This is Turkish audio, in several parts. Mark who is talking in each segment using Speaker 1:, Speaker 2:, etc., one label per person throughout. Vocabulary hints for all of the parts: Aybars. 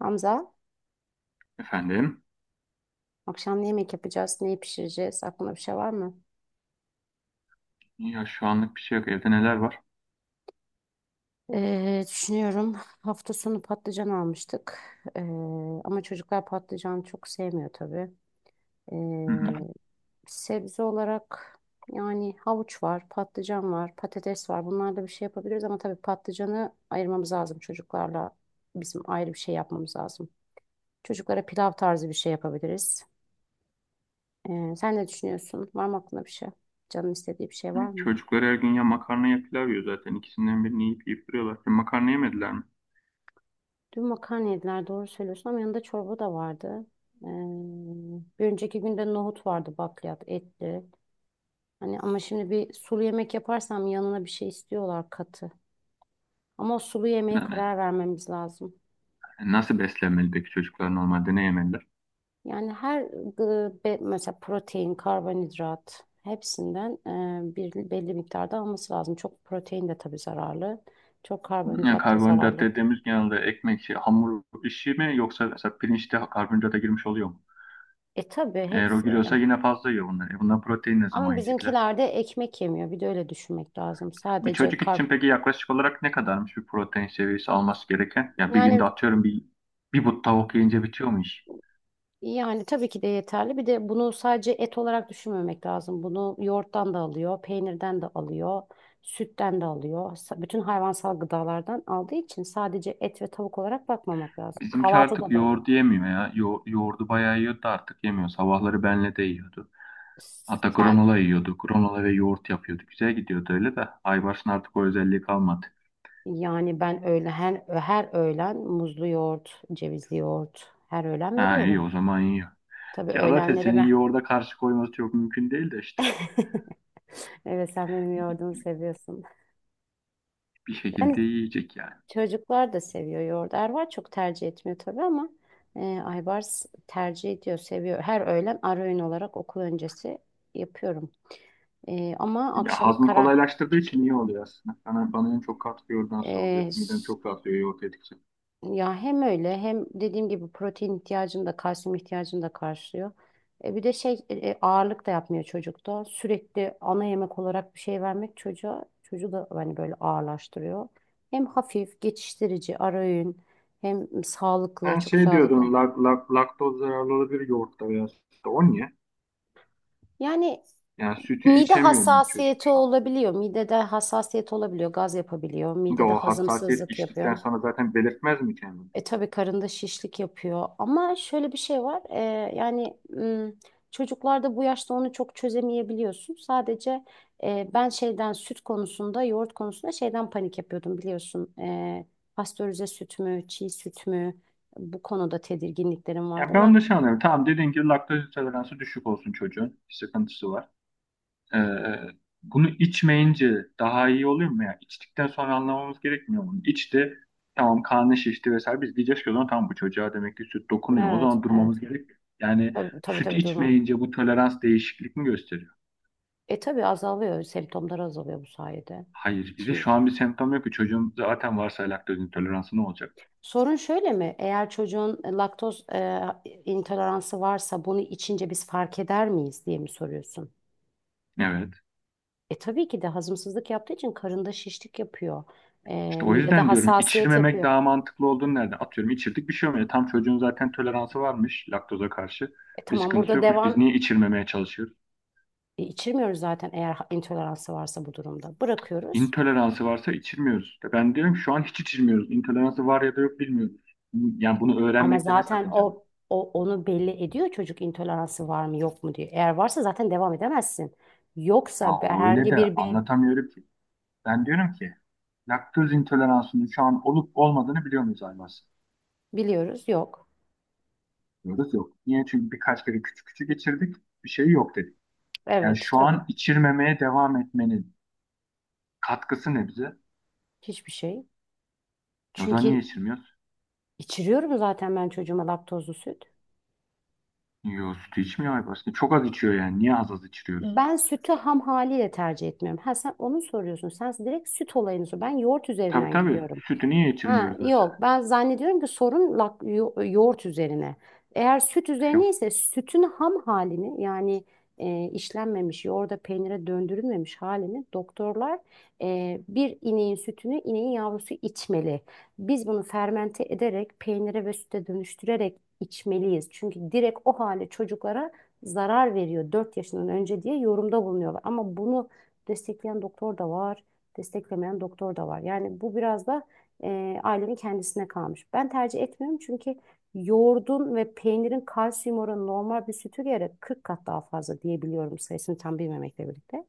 Speaker 1: Hamza,
Speaker 2: Efendim?
Speaker 1: akşam ne yemek yapacağız, neyi pişireceğiz? Aklında bir şey var mı?
Speaker 2: Ya şu anlık bir şey yok. Evde neler var?
Speaker 1: Düşünüyorum. Hafta sonu patlıcan almıştık. Ee, ama çocuklar patlıcan çok sevmiyor tabii.
Speaker 2: Hı hı.
Speaker 1: Ee, sebze olarak yani havuç var, patlıcan var, patates var. Bunlarla bir şey yapabiliriz ama tabii patlıcanı ayırmamız lazım çocuklarla. Bizim ayrı bir şey yapmamız lazım. Çocuklara pilav tarzı bir şey yapabiliriz. Sen ne düşünüyorsun? Var mı aklında bir şey? Canın istediği bir şey var mı?
Speaker 2: Çocuklar her gün ya makarna ya pilav yiyor zaten. İkisinden birini yiyip duruyorlar. Ya makarna yemediler mi?
Speaker 1: Dün makarna yediler, doğru söylüyorsun, ama yanında çorba da vardı. Ee, bir önceki günde nohut vardı, bakliyat etli. Hani ama şimdi bir sulu yemek yaparsam yanına bir şey istiyorlar, katı. Ama o sulu yemeğe
Speaker 2: Yani
Speaker 1: karar vermemiz lazım.
Speaker 2: nasıl beslenmeli peki çocuklar normalde ne yemeliler?
Speaker 1: Mesela protein, karbonhidrat, hepsinden bir belli miktarda alması lazım. Çok protein de tabii zararlı. Çok
Speaker 2: Ya
Speaker 1: karbonhidrat da
Speaker 2: karbonhidrat
Speaker 1: zararlı.
Speaker 2: dediğimiz genelde ekmek, hamur işi mi, yoksa mesela pirinçte karbonhidrata girmiş oluyor mu?
Speaker 1: E tabii
Speaker 2: Eğer o
Speaker 1: hepsi.
Speaker 2: giriyorsa yine fazla yiyor bunlar. E, bundan protein ne zaman
Speaker 1: Ama
Speaker 2: yiyecekler?
Speaker 1: bizimkiler de ekmek yemiyor. Bir de öyle düşünmek lazım.
Speaker 2: Bir
Speaker 1: Sadece
Speaker 2: çocuk
Speaker 1: kar
Speaker 2: için peki yaklaşık olarak ne kadarmış bir protein seviyesi alması gereken? Ya bir günde
Speaker 1: Yani
Speaker 2: atıyorum bir but tavuk yiyince bitiyor mu iş?
Speaker 1: yani tabii ki de yeterli. Bir de bunu sadece et olarak düşünmemek lazım. Bunu yoğurttan da alıyor, peynirden de alıyor, sütten de alıyor. Bütün hayvansal gıdalardan aldığı için sadece et ve tavuk olarak bakmamak lazım.
Speaker 2: Bizimki artık
Speaker 1: Kahvaltıda da alıyor.
Speaker 2: yoğurdu yemiyor ya. Yoğurdu bayağı yiyordu, artık yemiyor. Sabahları benle de yiyordu. Hatta
Speaker 1: Sen
Speaker 2: granola yiyordu. Granola ve yoğurt yapıyordu. Güzel gidiyordu öyle de. Aybars'ın artık o özelliği kalmadı.
Speaker 1: yani ben öyle her öğlen muzlu yoğurt, cevizli yoğurt, her öğlen
Speaker 2: Ha, iyi
Speaker 1: veriyorum.
Speaker 2: o zaman yiyor.
Speaker 1: Tabii
Speaker 2: Ya zaten
Speaker 1: öğlenlere
Speaker 2: senin
Speaker 1: ben.
Speaker 2: yoğurda karşı koyması çok mümkün değil de işte.
Speaker 1: Evet, sen benim yoğurdumu seviyorsun.
Speaker 2: Bir
Speaker 1: Yani,
Speaker 2: şekilde yiyecek yani.
Speaker 1: çocuklar da seviyor yoğurdu. Ervar çok tercih etmiyor tabii ama Aybars tercih ediyor, seviyor. Her öğlen ara öğün olarak okul öncesi yapıyorum. E, ama
Speaker 2: Ya
Speaker 1: akşama
Speaker 2: hazmı
Speaker 1: kara
Speaker 2: kolaylaştırdığı için iyi oluyor aslında. Bana en çok katkı yoğurdan sağlıyor.
Speaker 1: e,
Speaker 2: Midem
Speaker 1: s-
Speaker 2: çok rahatlıyor yoğurt yedikçe.
Speaker 1: ya hem öyle hem dediğim gibi protein ihtiyacını da kalsiyum ihtiyacını da karşılıyor. Bir de şey, ağırlık da yapmıyor çocukta. Sürekli ana yemek olarak bir şey vermek çocuğu da hani böyle ağırlaştırıyor. Hem hafif, geçiştirici, ara öğün, hem sağlıklı,
Speaker 2: Ben
Speaker 1: çok
Speaker 2: şey
Speaker 1: sağlıklı.
Speaker 2: diyordum, laktoz zararlı olabilir yoğurtta veya sütte. O niye?
Speaker 1: Yani,
Speaker 2: Yani sütü
Speaker 1: mide
Speaker 2: içemiyor mu bu çocuk
Speaker 1: hassasiyeti
Speaker 2: şu an?
Speaker 1: olabiliyor. Midede hassasiyet olabiliyor. Gaz yapabiliyor.
Speaker 2: Bir de
Speaker 1: Midede
Speaker 2: o hassasiyet
Speaker 1: hazımsızlık
Speaker 2: içtikten
Speaker 1: yapıyor.
Speaker 2: sonra zaten belirtmez mi kendini?
Speaker 1: E tabii karında şişlik yapıyor. Ama şöyle bir şey var. Yani m, çocuklarda bu yaşta onu çok çözemeyebiliyorsun. Sadece ben şeyden, süt konusunda, yoğurt konusunda şeyden panik yapıyordum, biliyorsun. Pastörize süt mü, çiğ süt mü? Bu konuda tedirginliklerim vardı.
Speaker 2: Ya ben onu da şey anlıyorum. Tamam, dediğin gibi laktoz intoleransı düşük olsun çocuğun. Bir sıkıntısı var. Ee, Bunu içmeyince daha iyi oluyor mu ya? İçtikten sonra anlamamız gerekmiyor mu? İçti. Tamam, karnı şişti vesaire. Biz diyeceğiz ki o zaman tamam, bu çocuğa demek ki süt dokunuyor. O
Speaker 1: Evet,
Speaker 2: zaman durmamız
Speaker 1: evet.
Speaker 2: gerek. Yani
Speaker 1: Tabii, tabii,
Speaker 2: süt
Speaker 1: tabii.
Speaker 2: içmeyince bu tolerans değişiklik mi gösteriyor?
Speaker 1: E tabii azalıyor, semptomlar azalıyor bu sayede.
Speaker 2: Hayır. Bir de
Speaker 1: İçim
Speaker 2: şu
Speaker 1: için.
Speaker 2: an bir semptom yok ki, çocuğun zaten varsa laktoz intoleransı ne olacak?
Speaker 1: Sorun şöyle mi? Eğer çocuğun laktoz intoleransı varsa bunu içince biz fark eder miyiz diye mi soruyorsun?
Speaker 2: Evet.
Speaker 1: E tabii ki de hazımsızlık yaptığı için karında şişlik yapıyor. E,
Speaker 2: İşte o
Speaker 1: midede
Speaker 2: yüzden diyorum
Speaker 1: hassasiyet
Speaker 2: içirmemek
Speaker 1: yapıyor.
Speaker 2: daha mantıklı olduğunu nereden? Atıyorum içirdik, bir şey olmuyor. Tam çocuğun zaten toleransı varmış laktoza karşı.
Speaker 1: E
Speaker 2: Bir
Speaker 1: tamam,
Speaker 2: sıkıntısı yokmuş. Biz niye içirmemeye çalışıyoruz?
Speaker 1: içirmiyoruz zaten eğer intoleransı varsa bu durumda. Bırakıyoruz.
Speaker 2: İntoleransı varsa içirmiyoruz. Ben diyorum ki şu an hiç içirmiyoruz. İntoleransı var ya da yok bilmiyoruz. Yani bunu
Speaker 1: Ama
Speaker 2: öğrenmekte ne
Speaker 1: zaten
Speaker 2: sakınca var?
Speaker 1: o onu belli ediyor çocuk, intoleransı var mı yok mu diye. Eğer varsa zaten devam edemezsin.
Speaker 2: Ya
Speaker 1: Yoksa be-
Speaker 2: o öyle
Speaker 1: herhangi
Speaker 2: de
Speaker 1: bir be
Speaker 2: anlatamıyorum ki. Ben diyorum ki laktoz intoleransının şu an olup olmadığını biliyor muyuz Aybars?
Speaker 1: Biliyoruz yok.
Speaker 2: Diyoruz yok. Niye? Çünkü birkaç kere küçük küçük geçirdik. Bir şey yok dedik. Yani
Speaker 1: Evet,
Speaker 2: şu
Speaker 1: tabii,
Speaker 2: an içirmemeye devam etmeniz katkısı ne bize?
Speaker 1: hiçbir şey.
Speaker 2: E, o zaman
Speaker 1: Çünkü
Speaker 2: niye içirmiyoruz?
Speaker 1: içiriyorum zaten ben çocuğuma laktozlu süt.
Speaker 2: Yo, sütü içmiyor ay başta. Çok az içiyor yani. Niye az az içiriyoruz?
Speaker 1: Ben sütü ham haliyle tercih etmiyorum. Ha, sen onu soruyorsun. Sen direkt süt olayını sor. Ben yoğurt
Speaker 2: Tabii,
Speaker 1: üzerinden
Speaker 2: tabii.
Speaker 1: gidiyorum.
Speaker 2: Sütü niye
Speaker 1: Ha,
Speaker 2: içirmiyoruz mesela?
Speaker 1: yok, ben zannediyorum ki sorun yoğurt üzerine. Eğer süt
Speaker 2: E, yok.
Speaker 1: üzerine ise sütün ham halini, yani işlenmemiş, yoğurda peynire döndürülmemiş halini doktorlar, bir ineğin sütünü ineğin yavrusu içmeli. Biz bunu fermente ederek peynire ve süte dönüştürerek içmeliyiz. Çünkü direkt o hali çocuklara zarar veriyor 4 yaşından önce diye yorumda bulunuyorlar. Ama bunu destekleyen doktor da var, desteklemeyen doktor da var. Yani bu biraz da ailenin kendisine kalmış. Ben tercih etmiyorum, çünkü yoğurdun ve peynirin kalsiyum oranı normal bir sütü göre 40 kat daha fazla, diyebiliyorum, sayısını tam bilmemekle birlikte.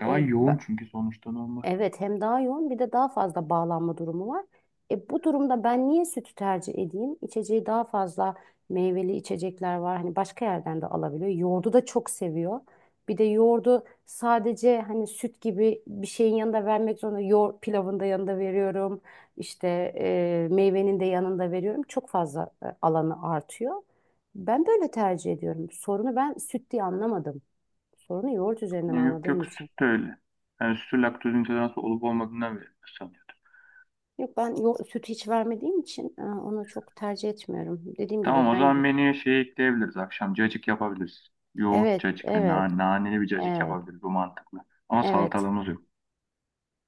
Speaker 2: Daha
Speaker 1: E, b-
Speaker 2: yoğun çünkü sonuçta normal.
Speaker 1: Evet, hem daha yoğun, bir de daha fazla bağlanma durumu var. Bu durumda ben niye sütü tercih edeyim? İçeceği daha fazla meyveli içecekler var. Hani başka yerden de alabiliyor. Yoğurdu da çok seviyor. Bir de yoğurdu sadece hani süt gibi bir şeyin yanında vermek zorunda Yoğurt pilavın da yanında veriyorum. İşte, meyvenin de yanında veriyorum. Çok fazla alanı artıyor. Ben böyle tercih ediyorum. Sorunu ben süt diye anlamadım. Sorunu yoğurt üzerinden
Speaker 2: E, yok
Speaker 1: anladığım
Speaker 2: yok,
Speaker 1: için.
Speaker 2: süt de öyle. Yani sütü laktoz intoleransı olup olmadığından beri sanıyordum.
Speaker 1: Yok, ben süt hiç vermediğim için onu çok tercih etmiyorum. Dediğim
Speaker 2: Tamam,
Speaker 1: gibi
Speaker 2: o
Speaker 1: ben
Speaker 2: zaman
Speaker 1: y-
Speaker 2: menüye şey ekleyebiliriz. Akşam cacık yapabiliriz. Yoğurt
Speaker 1: Evet,
Speaker 2: cacık ve
Speaker 1: evet,
Speaker 2: naneli bir cacık
Speaker 1: evet,
Speaker 2: yapabiliriz. Bu mantıklı. Ama
Speaker 1: evet,
Speaker 2: salatalığımız yok.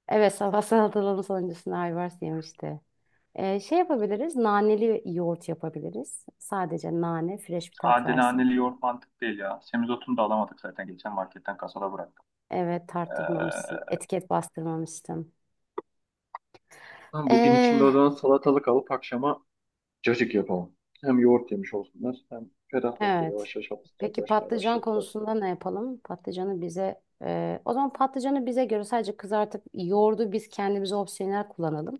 Speaker 1: evet, sabah salatalığın sonuncusunda Ayvars yemişti. Şey yapabiliriz, naneli yoğurt yapabiliriz. Sadece nane fresh bir tat
Speaker 2: Sade
Speaker 1: versin.
Speaker 2: naneli yoğurt mantık değil ya. Semizotunu da alamadık zaten. Geçen marketten kasada bıraktık.
Speaker 1: Evet, tarttırmamışsın, etiket bastırmamıştım.
Speaker 2: Tamam, bugün içinde
Speaker 1: E,
Speaker 2: o zaman salatalık alıp akşama cacık yapalım. Hem yoğurt yemiş olsunlar hem ferahlatır.
Speaker 1: evet,
Speaker 2: Yavaş yavaş hafif
Speaker 1: peki
Speaker 2: sıcaklaşmaya
Speaker 1: patlıcan
Speaker 2: başladı da.
Speaker 1: konusunda ne yapalım? Patlıcanı bize, o zaman patlıcanı bize göre sadece kızartıp yoğurdu biz kendimize opsiyonel kullanalım.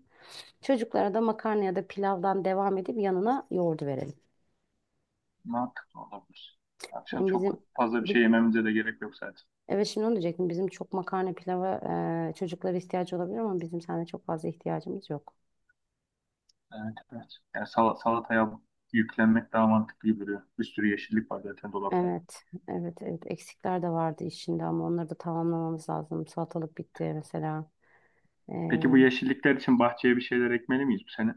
Speaker 1: Çocuklara da makarna ya da pilavdan devam edip yanına yoğurdu verelim.
Speaker 2: Mantıklı olabilir. Akşam
Speaker 1: Hem bizim
Speaker 2: çok fazla bir şey
Speaker 1: bi-
Speaker 2: yememize de gerek yok zaten.
Speaker 1: evet şimdi onu diyecektim. Bizim çok makarna pilava, çocuklara ihtiyacı olabilir ama bizim sende çok fazla ihtiyacımız yok.
Speaker 2: Evet, evet. Yani salataya yüklenmek daha mantıklı gibi duruyor. Bir sürü yeşillik var zaten dolapta.
Speaker 1: Evet, evet, evet. Eksikler de vardı işinde, ama onları da tamamlamamız lazım. Salatalık bitti mesela.
Speaker 2: Peki bu yeşillikler için bahçeye bir şeyler ekmeli miyiz bu sene?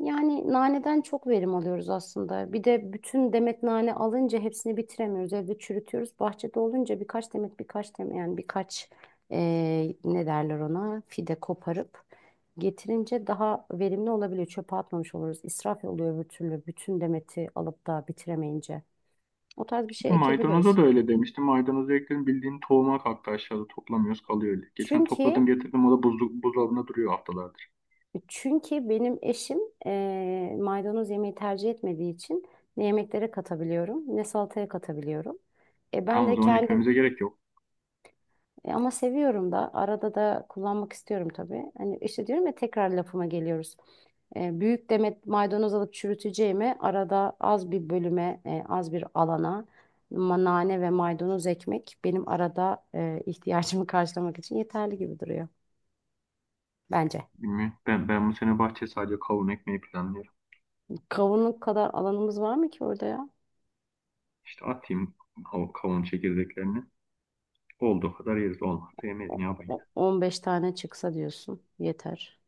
Speaker 1: Yani naneden çok verim alıyoruz aslında. Bir de bütün demet nane alınca hepsini bitiremiyoruz. Evde çürütüyoruz. Bahçede olunca birkaç demet, birkaç demet, yani birkaç ne derler ona, fide koparıp getirince daha verimli olabiliyor. Çöpe atmamış oluruz. İsraf oluyor öbür türlü, bütün demeti alıp da bitiremeyince. O tarz bir şey
Speaker 2: Maydanoza
Speaker 1: ekebiliriz.
Speaker 2: da öyle demiştim. Maydanozu ekledim, bildiğin tohuma kalktı, aşağıda toplamıyoruz, kalıyor öyle. Geçen
Speaker 1: Çünkü
Speaker 2: topladım getirdim, o da buzdolabında duruyor haftalardır.
Speaker 1: Çünkü benim eşim, maydanoz yemeği tercih etmediği için ne yemeklere katabiliyorum ne salataya katabiliyorum. Ben
Speaker 2: Tamam, o
Speaker 1: de
Speaker 2: zaman
Speaker 1: kendim,
Speaker 2: ekmemize gerek yok.
Speaker 1: ama seviyorum da, arada da kullanmak istiyorum tabii. Hani işte, diyorum ya, tekrar lafıma geliyoruz. Büyük demet maydanoz alıp çürüteceğime arada az bir bölüme, az bir alana nane ve maydanoz ekmek benim arada ihtiyacımı karşılamak için yeterli gibi duruyor bence.
Speaker 2: Bilmiyorum. Ben bu sene bahçe sadece kavun ekmeyi planlıyorum.
Speaker 1: Kavunluk kadar alanımız var mı ki orada, ya?
Speaker 2: İşte atayım o kavun çekirdeklerini. Olduğu kadar yeriz, olmazsa yemeyiz,
Speaker 1: O-
Speaker 2: ne yapayım ya.
Speaker 1: 15 tane çıksa diyorsun, yeter.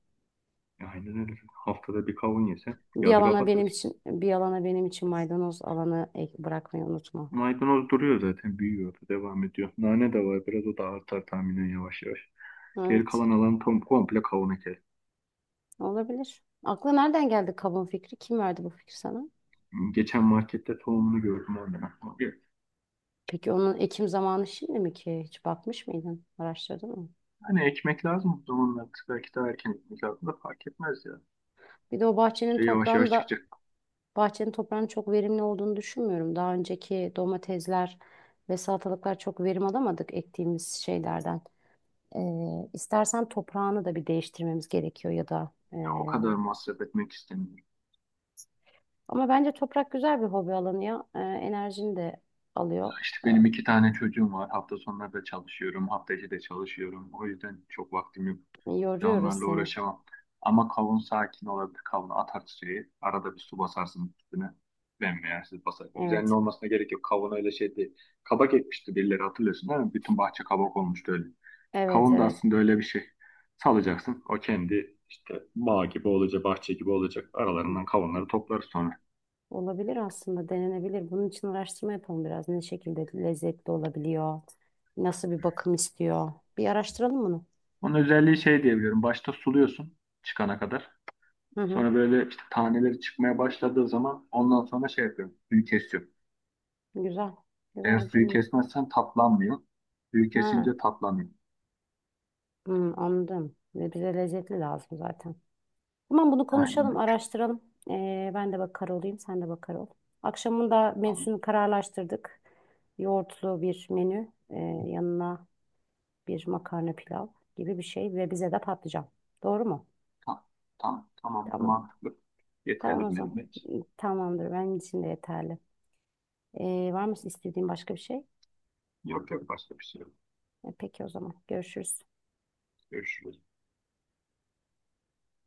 Speaker 2: Aynen öyle. Haftada bir kavun yesen
Speaker 1: Bir
Speaker 2: yazı
Speaker 1: alana benim
Speaker 2: kapatırız.
Speaker 1: için bir alana benim için maydanoz alanı bırakmayı unutma.
Speaker 2: Maydanoz duruyor zaten, büyüyor, devam ediyor. Nane de var biraz, o da artar tahminen yavaş yavaş. Geri
Speaker 1: Evet,
Speaker 2: kalan alan tam komple kavun eker.
Speaker 1: olabilir. Akla nereden geldi kabuğun fikri? Kim verdi bu fikri sana?
Speaker 2: Geçen markette tohumunu gördüm, oradan aklıma geldi.
Speaker 1: Peki onun ekim zamanı şimdi mi ki? Hiç bakmış mıydın? Araştırdın mı?
Speaker 2: Hani ekmek lazım bu zamanlar. Belki daha erken ekmek lazım da fark etmez ya.
Speaker 1: Bir de o bahçenin
Speaker 2: İşte yavaş
Speaker 1: toprağını
Speaker 2: yavaş
Speaker 1: da
Speaker 2: çıkacak.
Speaker 1: bahçenin toprağının çok verimli olduğunu düşünmüyorum. Daha önceki domatesler ve salatalıklar, çok verim alamadık ektiğimiz şeylerden. İstersen toprağını da bir değiştirmemiz gerekiyor, ya da
Speaker 2: Ya o kadar masraf etmek istemiyorum.
Speaker 1: ama bence toprak güzel bir hobi alanı ya. Enerjini de alıyor.
Speaker 2: Ya işte benim iki tane çocuğum var. Hafta sonları da çalışıyorum. Hafta içi de çalışıyorum. O yüzden çok vaktim yok. Ya
Speaker 1: Yoruyoruz
Speaker 2: onlarla
Speaker 1: seni.
Speaker 2: uğraşamam. Ama kavun sakin olabilir. Kavunu atar suya. Arada bir su basarsın üstüne. Bembeyazsız basar. Düzenli
Speaker 1: Evet.
Speaker 2: olmasına gerek yok. Kavun öyle şey değil. Kabak ekmişti birileri, hatırlıyorsun değil mi? Bütün bahçe kabak olmuştu öyle.
Speaker 1: Evet,
Speaker 2: Kavun da
Speaker 1: evet.
Speaker 2: aslında öyle bir şey. Salacaksın. O kendi işte bağ gibi olacak, bahçe gibi olacak. Aralarından kavunları toplarız sonra.
Speaker 1: Olabilir, aslında denenebilir. Bunun için araştırma yapalım biraz. Ne şekilde lezzetli olabiliyor? Nasıl bir bakım istiyor? Bir araştıralım bunu.
Speaker 2: Onun özelliği şey diyebiliyorum. Başta suluyorsun, çıkana kadar.
Speaker 1: Hı hı.
Speaker 2: Sonra böyle işte taneleri çıkmaya başladığı zaman ondan sonra şey yapıyorum. Suyu kesiyorum.
Speaker 1: Güzel.
Speaker 2: Eğer
Speaker 1: Güzel bir
Speaker 2: suyu
Speaker 1: deneyim.
Speaker 2: kesmezsen tatlanmıyor. Suyu
Speaker 1: Ha,
Speaker 2: kesince tatlanıyor.
Speaker 1: hı, anladım. Ve bize lezzetli lazım zaten. Tamam, bunu
Speaker 2: Aynen
Speaker 1: konuşalım,
Speaker 2: öyle.
Speaker 1: araştıralım. Ben de bakar olayım, sen de bakar ol. Akşamında
Speaker 2: Tamam.
Speaker 1: menüsünü kararlaştırdık. Yoğurtlu bir menü, yanına bir makarna pilav gibi bir şey, ve bize de patlıcan. Doğru mu?
Speaker 2: Tamam. Tamam. Tamam.
Speaker 1: Tamam.
Speaker 2: Mantıklı. Yeterli
Speaker 1: Tamam o
Speaker 2: bir
Speaker 1: zaman.
Speaker 2: memet.
Speaker 1: Tamamdır, benim için de yeterli. Var mı istediğin başka bir şey?
Speaker 2: Yok yok, başka bir şey yok.
Speaker 1: Peki o zaman görüşürüz.
Speaker 2: Görüşürüz.